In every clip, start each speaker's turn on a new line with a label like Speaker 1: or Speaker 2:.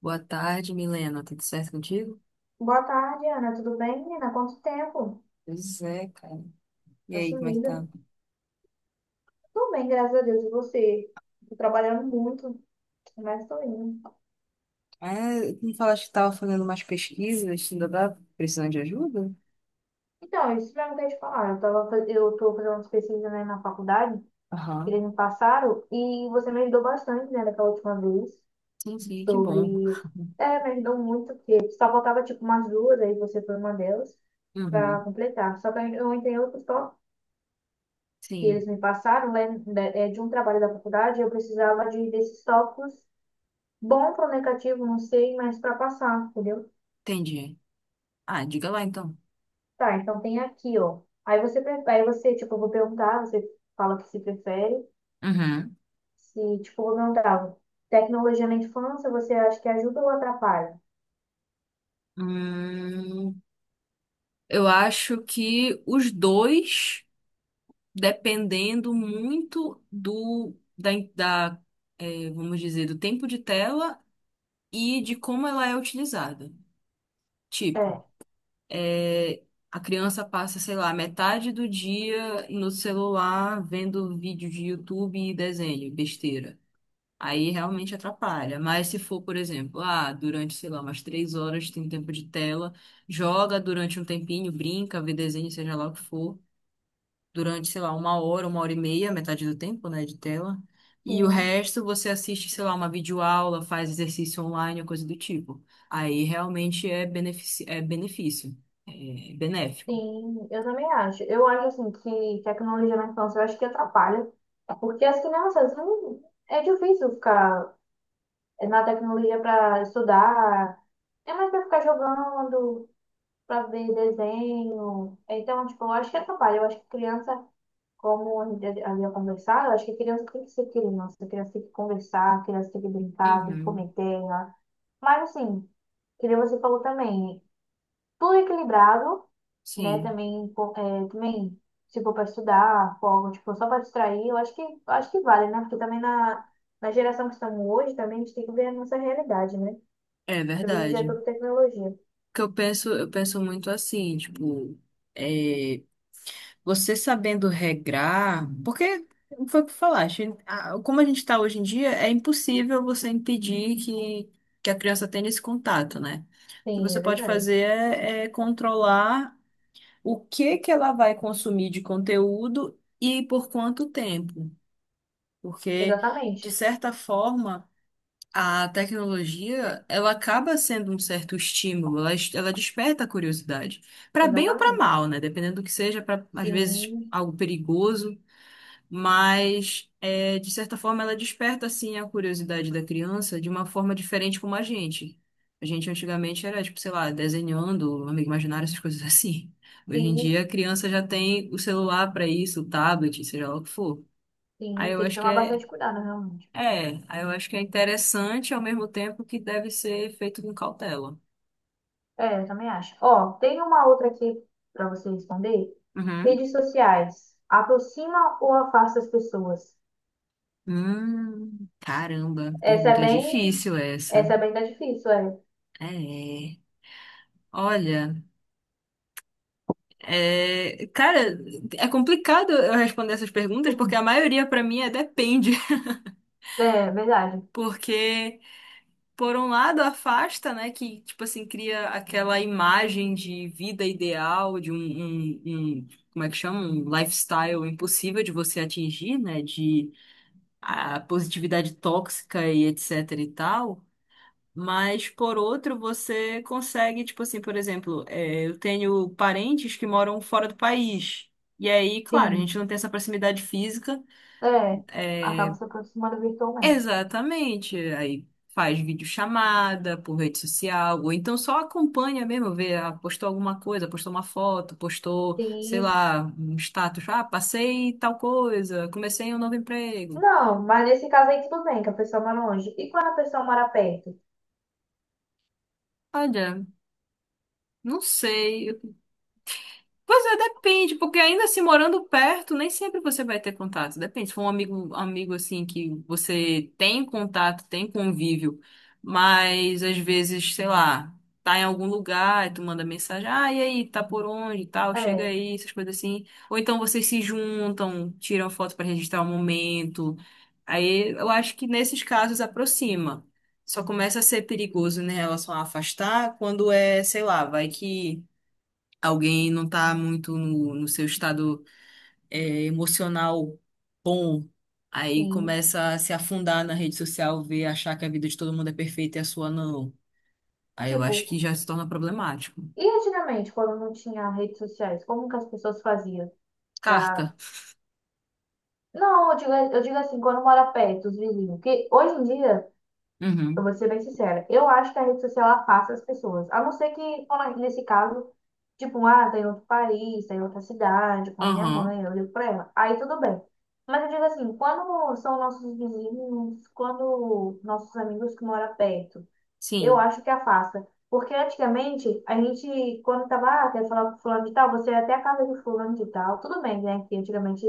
Speaker 1: Boa tarde, Milena. Tudo certo contigo?
Speaker 2: Boa tarde, Ana. Tudo bem, menina? Quanto tempo?
Speaker 1: Pois é, cara. E
Speaker 2: Tá
Speaker 1: aí, como é que
Speaker 2: sumida.
Speaker 1: tá?
Speaker 2: Tudo bem, graças a Deus. E você? Tô trabalhando muito, mas tô indo.
Speaker 1: Ah, tu me falaste que tava fazendo umas pesquisas, ainda tá precisando de ajuda?
Speaker 2: Então, isso mesmo que eu ia te falar. Eu tô fazendo umas pesquisas, né, na faculdade, que eles
Speaker 1: Aham.
Speaker 2: me passaram, e você me ajudou bastante, né, daquela última vez,
Speaker 1: Sim, sim, que bom.
Speaker 2: sobre... É, me ajudou muito, porque só faltava, tipo, umas duas, aí você foi uma delas, pra
Speaker 1: Uhum.
Speaker 2: completar. Só que eu entrei outros tópicos que
Speaker 1: Sim,
Speaker 2: eles me passaram, né, de um trabalho da faculdade, eu precisava desses tópicos. Bom para o negativo, não sei, mas para passar, entendeu?
Speaker 1: entendi. Ah, diga lá então.
Speaker 2: Tá, então tem aqui, ó. Aí você, tipo, eu vou perguntar, você fala o que se prefere.
Speaker 1: Uhum.
Speaker 2: Se, tipo, eu vou perguntar, tecnologia na infância, você acha que ajuda ou atrapalha?
Speaker 1: Hum, eu acho que os dois, dependendo muito da, vamos dizer, do tempo de tela e de como ela é utilizada. Tipo,
Speaker 2: É,
Speaker 1: é, a criança passa, sei lá, metade do dia no celular vendo vídeo de YouTube e desenho, besteira. Aí realmente atrapalha. Mas se for, por exemplo, ah, durante, sei lá, umas três horas tem tempo de tela, joga durante um tempinho, brinca, vê desenho, seja lá o que for durante, sei lá, uma hora e meia, metade do tempo, né, de tela. E o
Speaker 2: sim,
Speaker 1: resto você assiste, sei lá, uma videoaula, faz exercício online, coisa do tipo. Aí realmente é benefício, é benéfico.
Speaker 2: sim, eu também acho. Eu acho, assim, que tecnologia na infância, eu acho que atrapalha, porque as crianças, não, é difícil ficar na tecnologia para estudar, é mais para ficar jogando, pra ver desenho. Então, tipo, eu acho que atrapalha. Eu acho que criança, como a gente havia conversado, eu acho que criança tem que ser criança. Criança tem que conversar, criança tem que brincar, tem que comer
Speaker 1: Uhum.
Speaker 2: terra. Mas, assim, que nem você falou também, tudo é equilibrado, né?
Speaker 1: Sim,
Speaker 2: Também, pô, é, também se for para estudar, folga, tipo, só para distrair, eu acho que vale, né? Porque também na geração que estamos hoje, também a gente tem que ver a nossa realidade, né?
Speaker 1: é
Speaker 2: Porque hoje em dia é
Speaker 1: verdade.
Speaker 2: tudo tecnologia.
Speaker 1: Que eu penso muito assim, tipo, é, você sabendo regrar, porque foi o que falaste, como a gente está hoje em dia, é impossível você impedir que a criança tenha esse contato, né? O que
Speaker 2: Sim,
Speaker 1: você
Speaker 2: é
Speaker 1: pode
Speaker 2: verdade.
Speaker 1: fazer é controlar o que que ela vai consumir de conteúdo e por quanto tempo. Porque, de
Speaker 2: Exatamente.
Speaker 1: certa forma, a tecnologia, ela acaba sendo um certo estímulo, ela desperta a curiosidade, para bem ou para
Speaker 2: Exatamente.
Speaker 1: mal, né? Dependendo do que seja, para às vezes
Speaker 2: Sim,
Speaker 1: algo perigoso, mas é, de certa forma ela desperta assim a curiosidade da criança de uma forma diferente como a gente. A gente antigamente era tipo, sei lá, desenhando, amigo imaginário, essas coisas assim. Hoje em
Speaker 2: sim,
Speaker 1: dia a criança já tem o celular para isso, o tablet, seja lá o que for. Aí
Speaker 2: sim,
Speaker 1: eu
Speaker 2: tem que
Speaker 1: acho que
Speaker 2: tomar
Speaker 1: é
Speaker 2: bastante cuidado, realmente.
Speaker 1: aí eu acho que é interessante ao mesmo tempo que deve ser feito com cautela.
Speaker 2: É, eu também acho. Ó, tem uma outra aqui para você responder.
Speaker 1: Uhum.
Speaker 2: Redes sociais, aproxima ou afasta as pessoas?
Speaker 1: Caramba,
Speaker 2: Essa
Speaker 1: pergunta
Speaker 2: é bem,
Speaker 1: difícil essa.
Speaker 2: Essa é bem tá difícil, é.
Speaker 1: É. Olha, é, cara, é complicado eu responder essas perguntas porque a maioria pra mim é depende,
Speaker 2: É, verdade.
Speaker 1: porque por um lado afasta, né, que tipo assim cria aquela imagem de vida ideal, de um, um- um- como é que chama, um lifestyle impossível de você atingir, né, de a positividade tóxica e etc e tal, mas por outro você consegue, tipo assim, por exemplo, é, eu tenho parentes que moram fora do país. E aí, claro, a
Speaker 2: Sim,
Speaker 1: gente não tem essa proximidade física.
Speaker 2: é. Acaba
Speaker 1: É,
Speaker 2: se aproximando virtualmente.
Speaker 1: exatamente. Aí faz videochamada por rede social, ou então só acompanha mesmo, vê, ah, postou alguma coisa, postou uma foto, postou, sei
Speaker 2: Sim.
Speaker 1: lá, um status, ah, passei tal coisa, comecei um novo emprego.
Speaker 2: Não, mas nesse caso aí tudo bem, que a pessoa mora longe. E quando a pessoa mora perto?
Speaker 1: Olha, não sei. Pois é, depende, porque ainda assim, morando perto, nem sempre você vai ter contato. Depende, se for um amigo, amigo assim que você tem contato, tem convívio, mas às vezes, sei lá, tá em algum lugar e tu manda mensagem, ah, e aí, tá por onde e tal, chega
Speaker 2: É,
Speaker 1: aí, essas coisas assim. Ou então vocês se juntam, tiram foto pra registrar o momento. Aí eu acho que nesses casos aproxima. Só começa a ser perigoso, né, em relação a afastar, quando é, sei lá, vai que alguém não tá muito no seu estado é, emocional bom, aí
Speaker 2: sim.
Speaker 1: começa a se afundar na rede social, ver, achar que a vida de todo mundo é perfeita e a sua não. Aí eu
Speaker 2: Tipo,
Speaker 1: acho que já se torna problemático.
Speaker 2: E antigamente, quando não tinha redes sociais, como que as pessoas faziam pra...
Speaker 1: Carta.
Speaker 2: Não, eu digo assim, quando mora perto, os vizinhos. Que hoje em dia, eu
Speaker 1: Uhum.
Speaker 2: vou ser bem sincera, eu acho que a rede social afasta as pessoas. A não ser que, quando- nesse caso, tipo, ah, tá em outro país, tá em outra cidade, como minha
Speaker 1: Aham.
Speaker 2: mãe, eu ligo pra ela. Aí tudo bem. Mas eu digo assim, quando são nossos vizinhos, quando nossos amigos que moram perto, eu
Speaker 1: Sim.
Speaker 2: acho que afasta. Porque antigamente, a gente, quando tava, ah, quer falar com fulano de tal, você ia até a casa de fulano de tal. Tudo bem, né? Que antigamente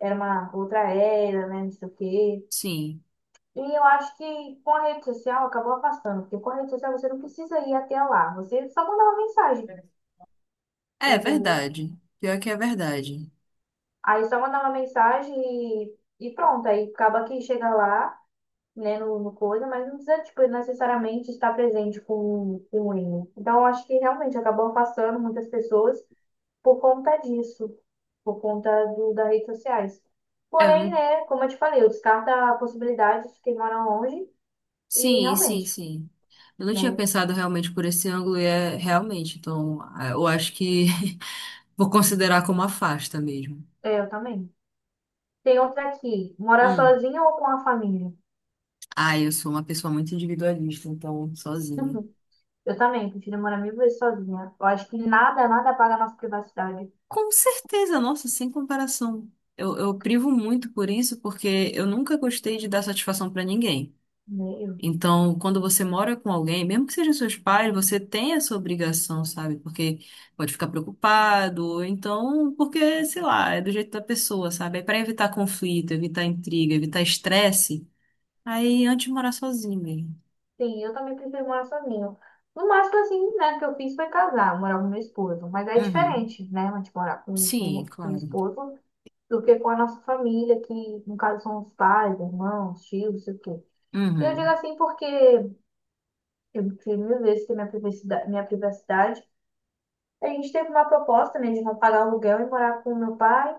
Speaker 2: era uma outra era, né? Não sei o quê.
Speaker 1: Sim.
Speaker 2: E eu acho que com a rede social acabou afastando. Porque com a rede social você não precisa ir até lá. Você só manda uma mensagem,
Speaker 1: É
Speaker 2: entendeu?
Speaker 1: verdade. Pior que é verdade.
Speaker 2: Aí só manda uma mensagem e pronto. Aí acaba que chega lá, né, no coisa, mas não precisa, tipo, necessariamente estar presente com o hino. Então, eu acho que realmente acabou afastando muitas pessoas por conta disso, por conta do, das redes sociais.
Speaker 1: É, eu
Speaker 2: Porém,
Speaker 1: não...
Speaker 2: né, como eu te falei, eu descarto a possibilidade de quem mora longe e
Speaker 1: Sim, sim,
Speaker 2: realmente,
Speaker 1: sim. Eu não tinha
Speaker 2: né,
Speaker 1: pensado realmente por esse ângulo e é realmente. Então, ah, eu acho que vou considerar como afasta mesmo.
Speaker 2: é, eu também. Tem outra aqui, morar
Speaker 1: Hum.
Speaker 2: sozinha ou com a família?
Speaker 1: Ah, eu sou uma pessoa muito individualista, então, sozinha.
Speaker 2: Eu também, prefiro morar mil vezes sozinha. Eu acho que nada, nada apaga a nossa privacidade,
Speaker 1: Com certeza, nossa, sem comparação. Eu privo muito por isso, porque eu nunca gostei de dar satisfação pra ninguém.
Speaker 2: né?
Speaker 1: Então, quando você mora com alguém, mesmo que sejam seus pais, você tem essa obrigação, sabe? Porque pode ficar preocupado, ou então, porque, sei lá, é do jeito da pessoa, sabe? É pra evitar conflito, evitar intriga, evitar estresse. Aí, antes de morar sozinho mesmo.
Speaker 2: Sim, eu também prefiro morar sozinho. No máximo, assim, né, que eu fiz foi casar, morar com meu esposo. Mas é
Speaker 1: Uhum.
Speaker 2: diferente, né, a gente morar
Speaker 1: Sim,
Speaker 2: com o
Speaker 1: claro.
Speaker 2: esposo do que com a nossa família, que no caso são os pais, irmãos, tios, não sei o quê. Eu digo
Speaker 1: Uhum.
Speaker 2: assim porque eu prefiro mil vezes ter minha privacidade, minha privacidade. A gente teve uma proposta, né, de não pagar aluguel e morar com meu pai.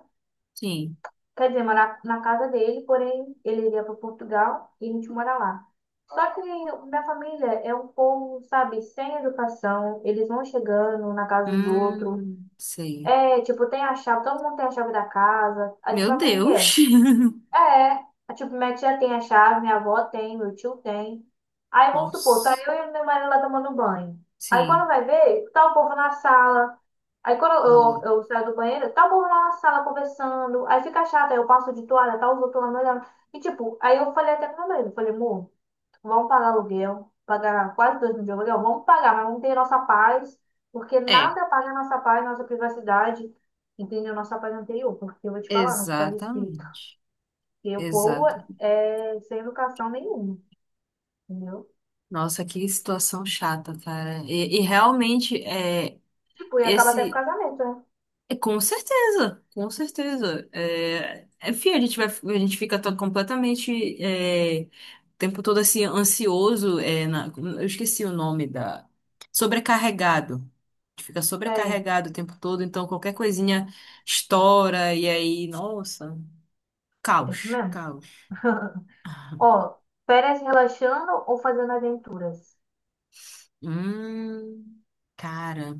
Speaker 1: Sim.
Speaker 2: Quer dizer, morar na casa dele, porém ele iria para Portugal e a gente mora lá. Só que minha família é um povo, sabe, sem educação, eles vão chegando um na casa dos outros.
Speaker 1: Sei.
Speaker 2: É, tipo, tem a chave, todo mundo tem a chave da casa. Aí,
Speaker 1: Meu
Speaker 2: sabe como que é?
Speaker 1: Deus.
Speaker 2: É, a tipo, minha tia tem a chave, minha avó tem, meu tio tem. Aí vamos supor, tá
Speaker 1: Nossa.
Speaker 2: eu e meu marido lá tomando banho. Aí quando
Speaker 1: Sim,
Speaker 2: vai ver, tá o povo na sala. Aí quando
Speaker 1: não.
Speaker 2: eu saio do banheiro, tá o povo lá na sala conversando. Aí fica chato, aí eu passo de toalha, tá os outros lá me olhando. E tipo, aí eu falei até pro meu marido, falei, amor, vamos pagar aluguel, pagar quase 2.000 de aluguel, vamos pagar, mas vamos ter nossa paz, porque
Speaker 1: É,
Speaker 2: nada paga nossa paz, nossa privacidade, entendeu? Nossa paz anterior, porque eu vou te falar, nossa paz de espírito.
Speaker 1: exatamente.
Speaker 2: E o povo
Speaker 1: Exato.
Speaker 2: é sem educação nenhuma, entendeu?
Speaker 1: Nossa, que situação chata, cara. E realmente é
Speaker 2: Tipo, e acaba até com
Speaker 1: esse
Speaker 2: casamento, né?
Speaker 1: É, com certeza, com certeza. É, é, a gente vai, a gente fica todo completamente é, o tempo todo assim ansioso. É, eu esqueci o nome da. Sobrecarregado. A gente fica
Speaker 2: É,
Speaker 1: sobrecarregado o tempo todo, então qualquer coisinha estoura e aí, nossa,
Speaker 2: é isso
Speaker 1: caos,
Speaker 2: mesmo.
Speaker 1: caos.
Speaker 2: Ó, férias relaxando ou fazendo aventuras?
Speaker 1: Hum, cara,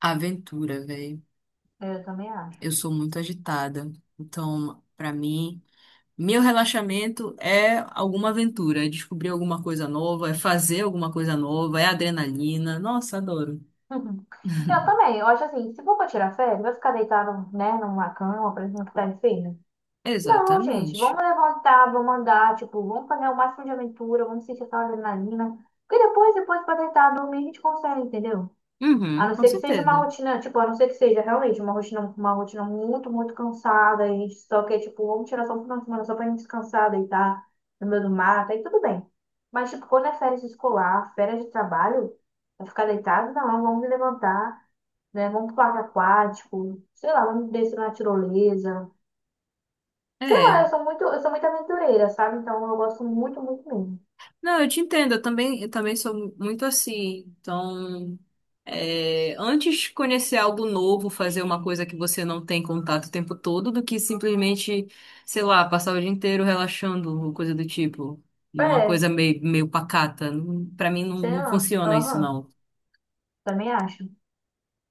Speaker 1: aventura, velho.
Speaker 2: Eu também acho.
Speaker 1: Eu sou muito agitada. Então, pra mim. Meu relaxamento é alguma aventura, é descobrir alguma coisa nova, é fazer alguma coisa nova, é adrenalina. Nossa, adoro.
Speaker 2: Eu também, eu acho assim, se for pra tirar férias, vai ficar deitado, né, numa cama, por exemplo, que tá enfermo. Não, gente,
Speaker 1: Exatamente.
Speaker 2: vamos levantar, vamos andar, tipo, vamos fazer o máximo de aventura, vamos sentir essa adrenalina. Porque depois, depois pra deitar, dormir, a gente consegue, entendeu? A
Speaker 1: Uhum,
Speaker 2: não
Speaker 1: com
Speaker 2: ser que seja uma
Speaker 1: certeza.
Speaker 2: rotina, tipo, a não ser que seja realmente uma rotina muito, muito cansada, e a gente só quer, tipo, vamos tirar só um final de semana só pra gente descansar, deitar no meio do mato, aí tudo bem. Mas, tipo, quando é férias escolar, férias de trabalho, vai ficar deitado, não, vamos levantar, né? Vamos pro parque aquático, sei lá, vamos descer na tirolesa. Sei lá,
Speaker 1: É.
Speaker 2: eu sou muito aventureira, sabe? Então eu gosto muito, muito mesmo.
Speaker 1: Não, eu te entendo, eu também sou muito assim. Então, é, antes de conhecer algo novo, fazer uma coisa que você não tem contato o tempo todo, do que simplesmente, sei lá, passar o dia inteiro relaxando, ou coisa do tipo. Numa
Speaker 2: É,
Speaker 1: coisa meio, meio pacata. Não- pra mim não,
Speaker 2: sei
Speaker 1: não
Speaker 2: lá.
Speaker 1: funciona isso,
Speaker 2: Aham,
Speaker 1: não.
Speaker 2: também acho.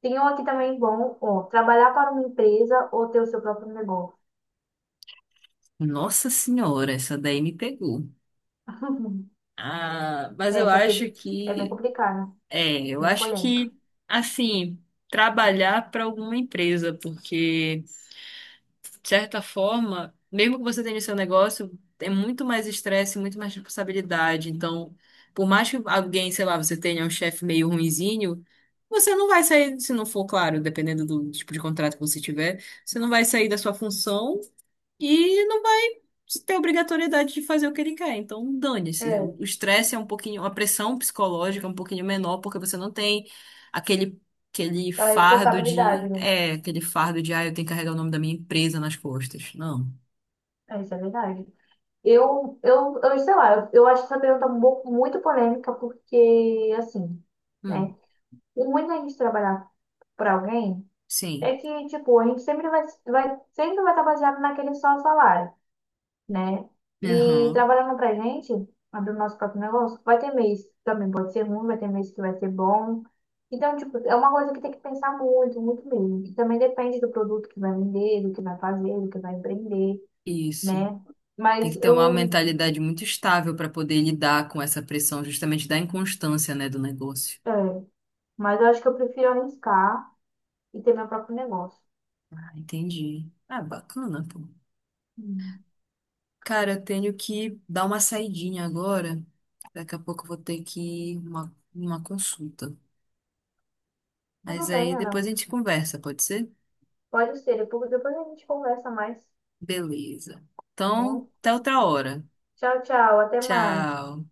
Speaker 2: Tem um aqui também bom, ó, trabalhar para uma empresa ou ter o seu próprio negócio.
Speaker 1: Nossa senhora, essa daí me pegou. Ah, mas
Speaker 2: É,
Speaker 1: eu
Speaker 2: essa aqui
Speaker 1: acho
Speaker 2: é bem
Speaker 1: que,
Speaker 2: complicada,
Speaker 1: é, eu
Speaker 2: bem
Speaker 1: acho
Speaker 2: polêmica.
Speaker 1: que, assim, trabalhar para alguma empresa, porque, de certa forma, mesmo que você tenha o seu negócio, é muito mais estresse, muito mais responsabilidade. Então, por mais que alguém, sei lá, você tenha um chefe meio ruinzinho, você não vai sair, se não for, claro, dependendo do tipo de contrato que você tiver, você não vai sair da sua função. E não tem obrigatoriedade de fazer o que ele quer. Então, dane-se.
Speaker 2: É,
Speaker 1: O estresse é um pouquinho, a pressão psicológica é um pouquinho menor, porque você não tem aquele, aquele
Speaker 2: a
Speaker 1: fardo de,
Speaker 2: responsabilidade, né?
Speaker 1: é, aquele fardo de, ah, eu tenho que carregar o nome da minha empresa nas costas. Não.
Speaker 2: É, isso é verdade. Eu sei lá, eu acho essa pergunta muito polêmica porque, assim,
Speaker 1: Hum,
Speaker 2: né? O ruim da gente trabalhar para alguém
Speaker 1: sim.
Speaker 2: é que, tipo, a gente sempre vai estar baseado naquele só salário, né? E
Speaker 1: Aham.
Speaker 2: trabalhando pra gente, abrindo nosso próprio negócio, vai ter mês que também, pode ser ruim, vai ter mês que vai ser bom. Então, tipo, é uma coisa que tem que pensar muito, muito mesmo. E também depende do produto que vai vender, do que vai fazer, do que vai empreender,
Speaker 1: Isso.
Speaker 2: né?
Speaker 1: Tem
Speaker 2: Mas
Speaker 1: que ter uma
Speaker 2: eu,
Speaker 1: mentalidade muito estável para poder lidar com essa pressão, justamente da inconstância, né, do negócio.
Speaker 2: é, mas eu acho que eu prefiro arriscar e ter meu próprio negócio.
Speaker 1: Ah, entendi. Ah, bacana, pô.
Speaker 2: Hum.
Speaker 1: Cara, eu tenho que dar uma saidinha agora. Daqui a pouco eu vou ter que ir uma consulta. Mas
Speaker 2: Tudo bem,
Speaker 1: aí depois
Speaker 2: Ana.
Speaker 1: a gente conversa, pode ser?
Speaker 2: Pode ser. Depois, depois a gente conversa mais,
Speaker 1: Beleza.
Speaker 2: tá
Speaker 1: Então,
Speaker 2: bom?
Speaker 1: até outra hora.
Speaker 2: Tchau, tchau. Até mais.
Speaker 1: Tchau.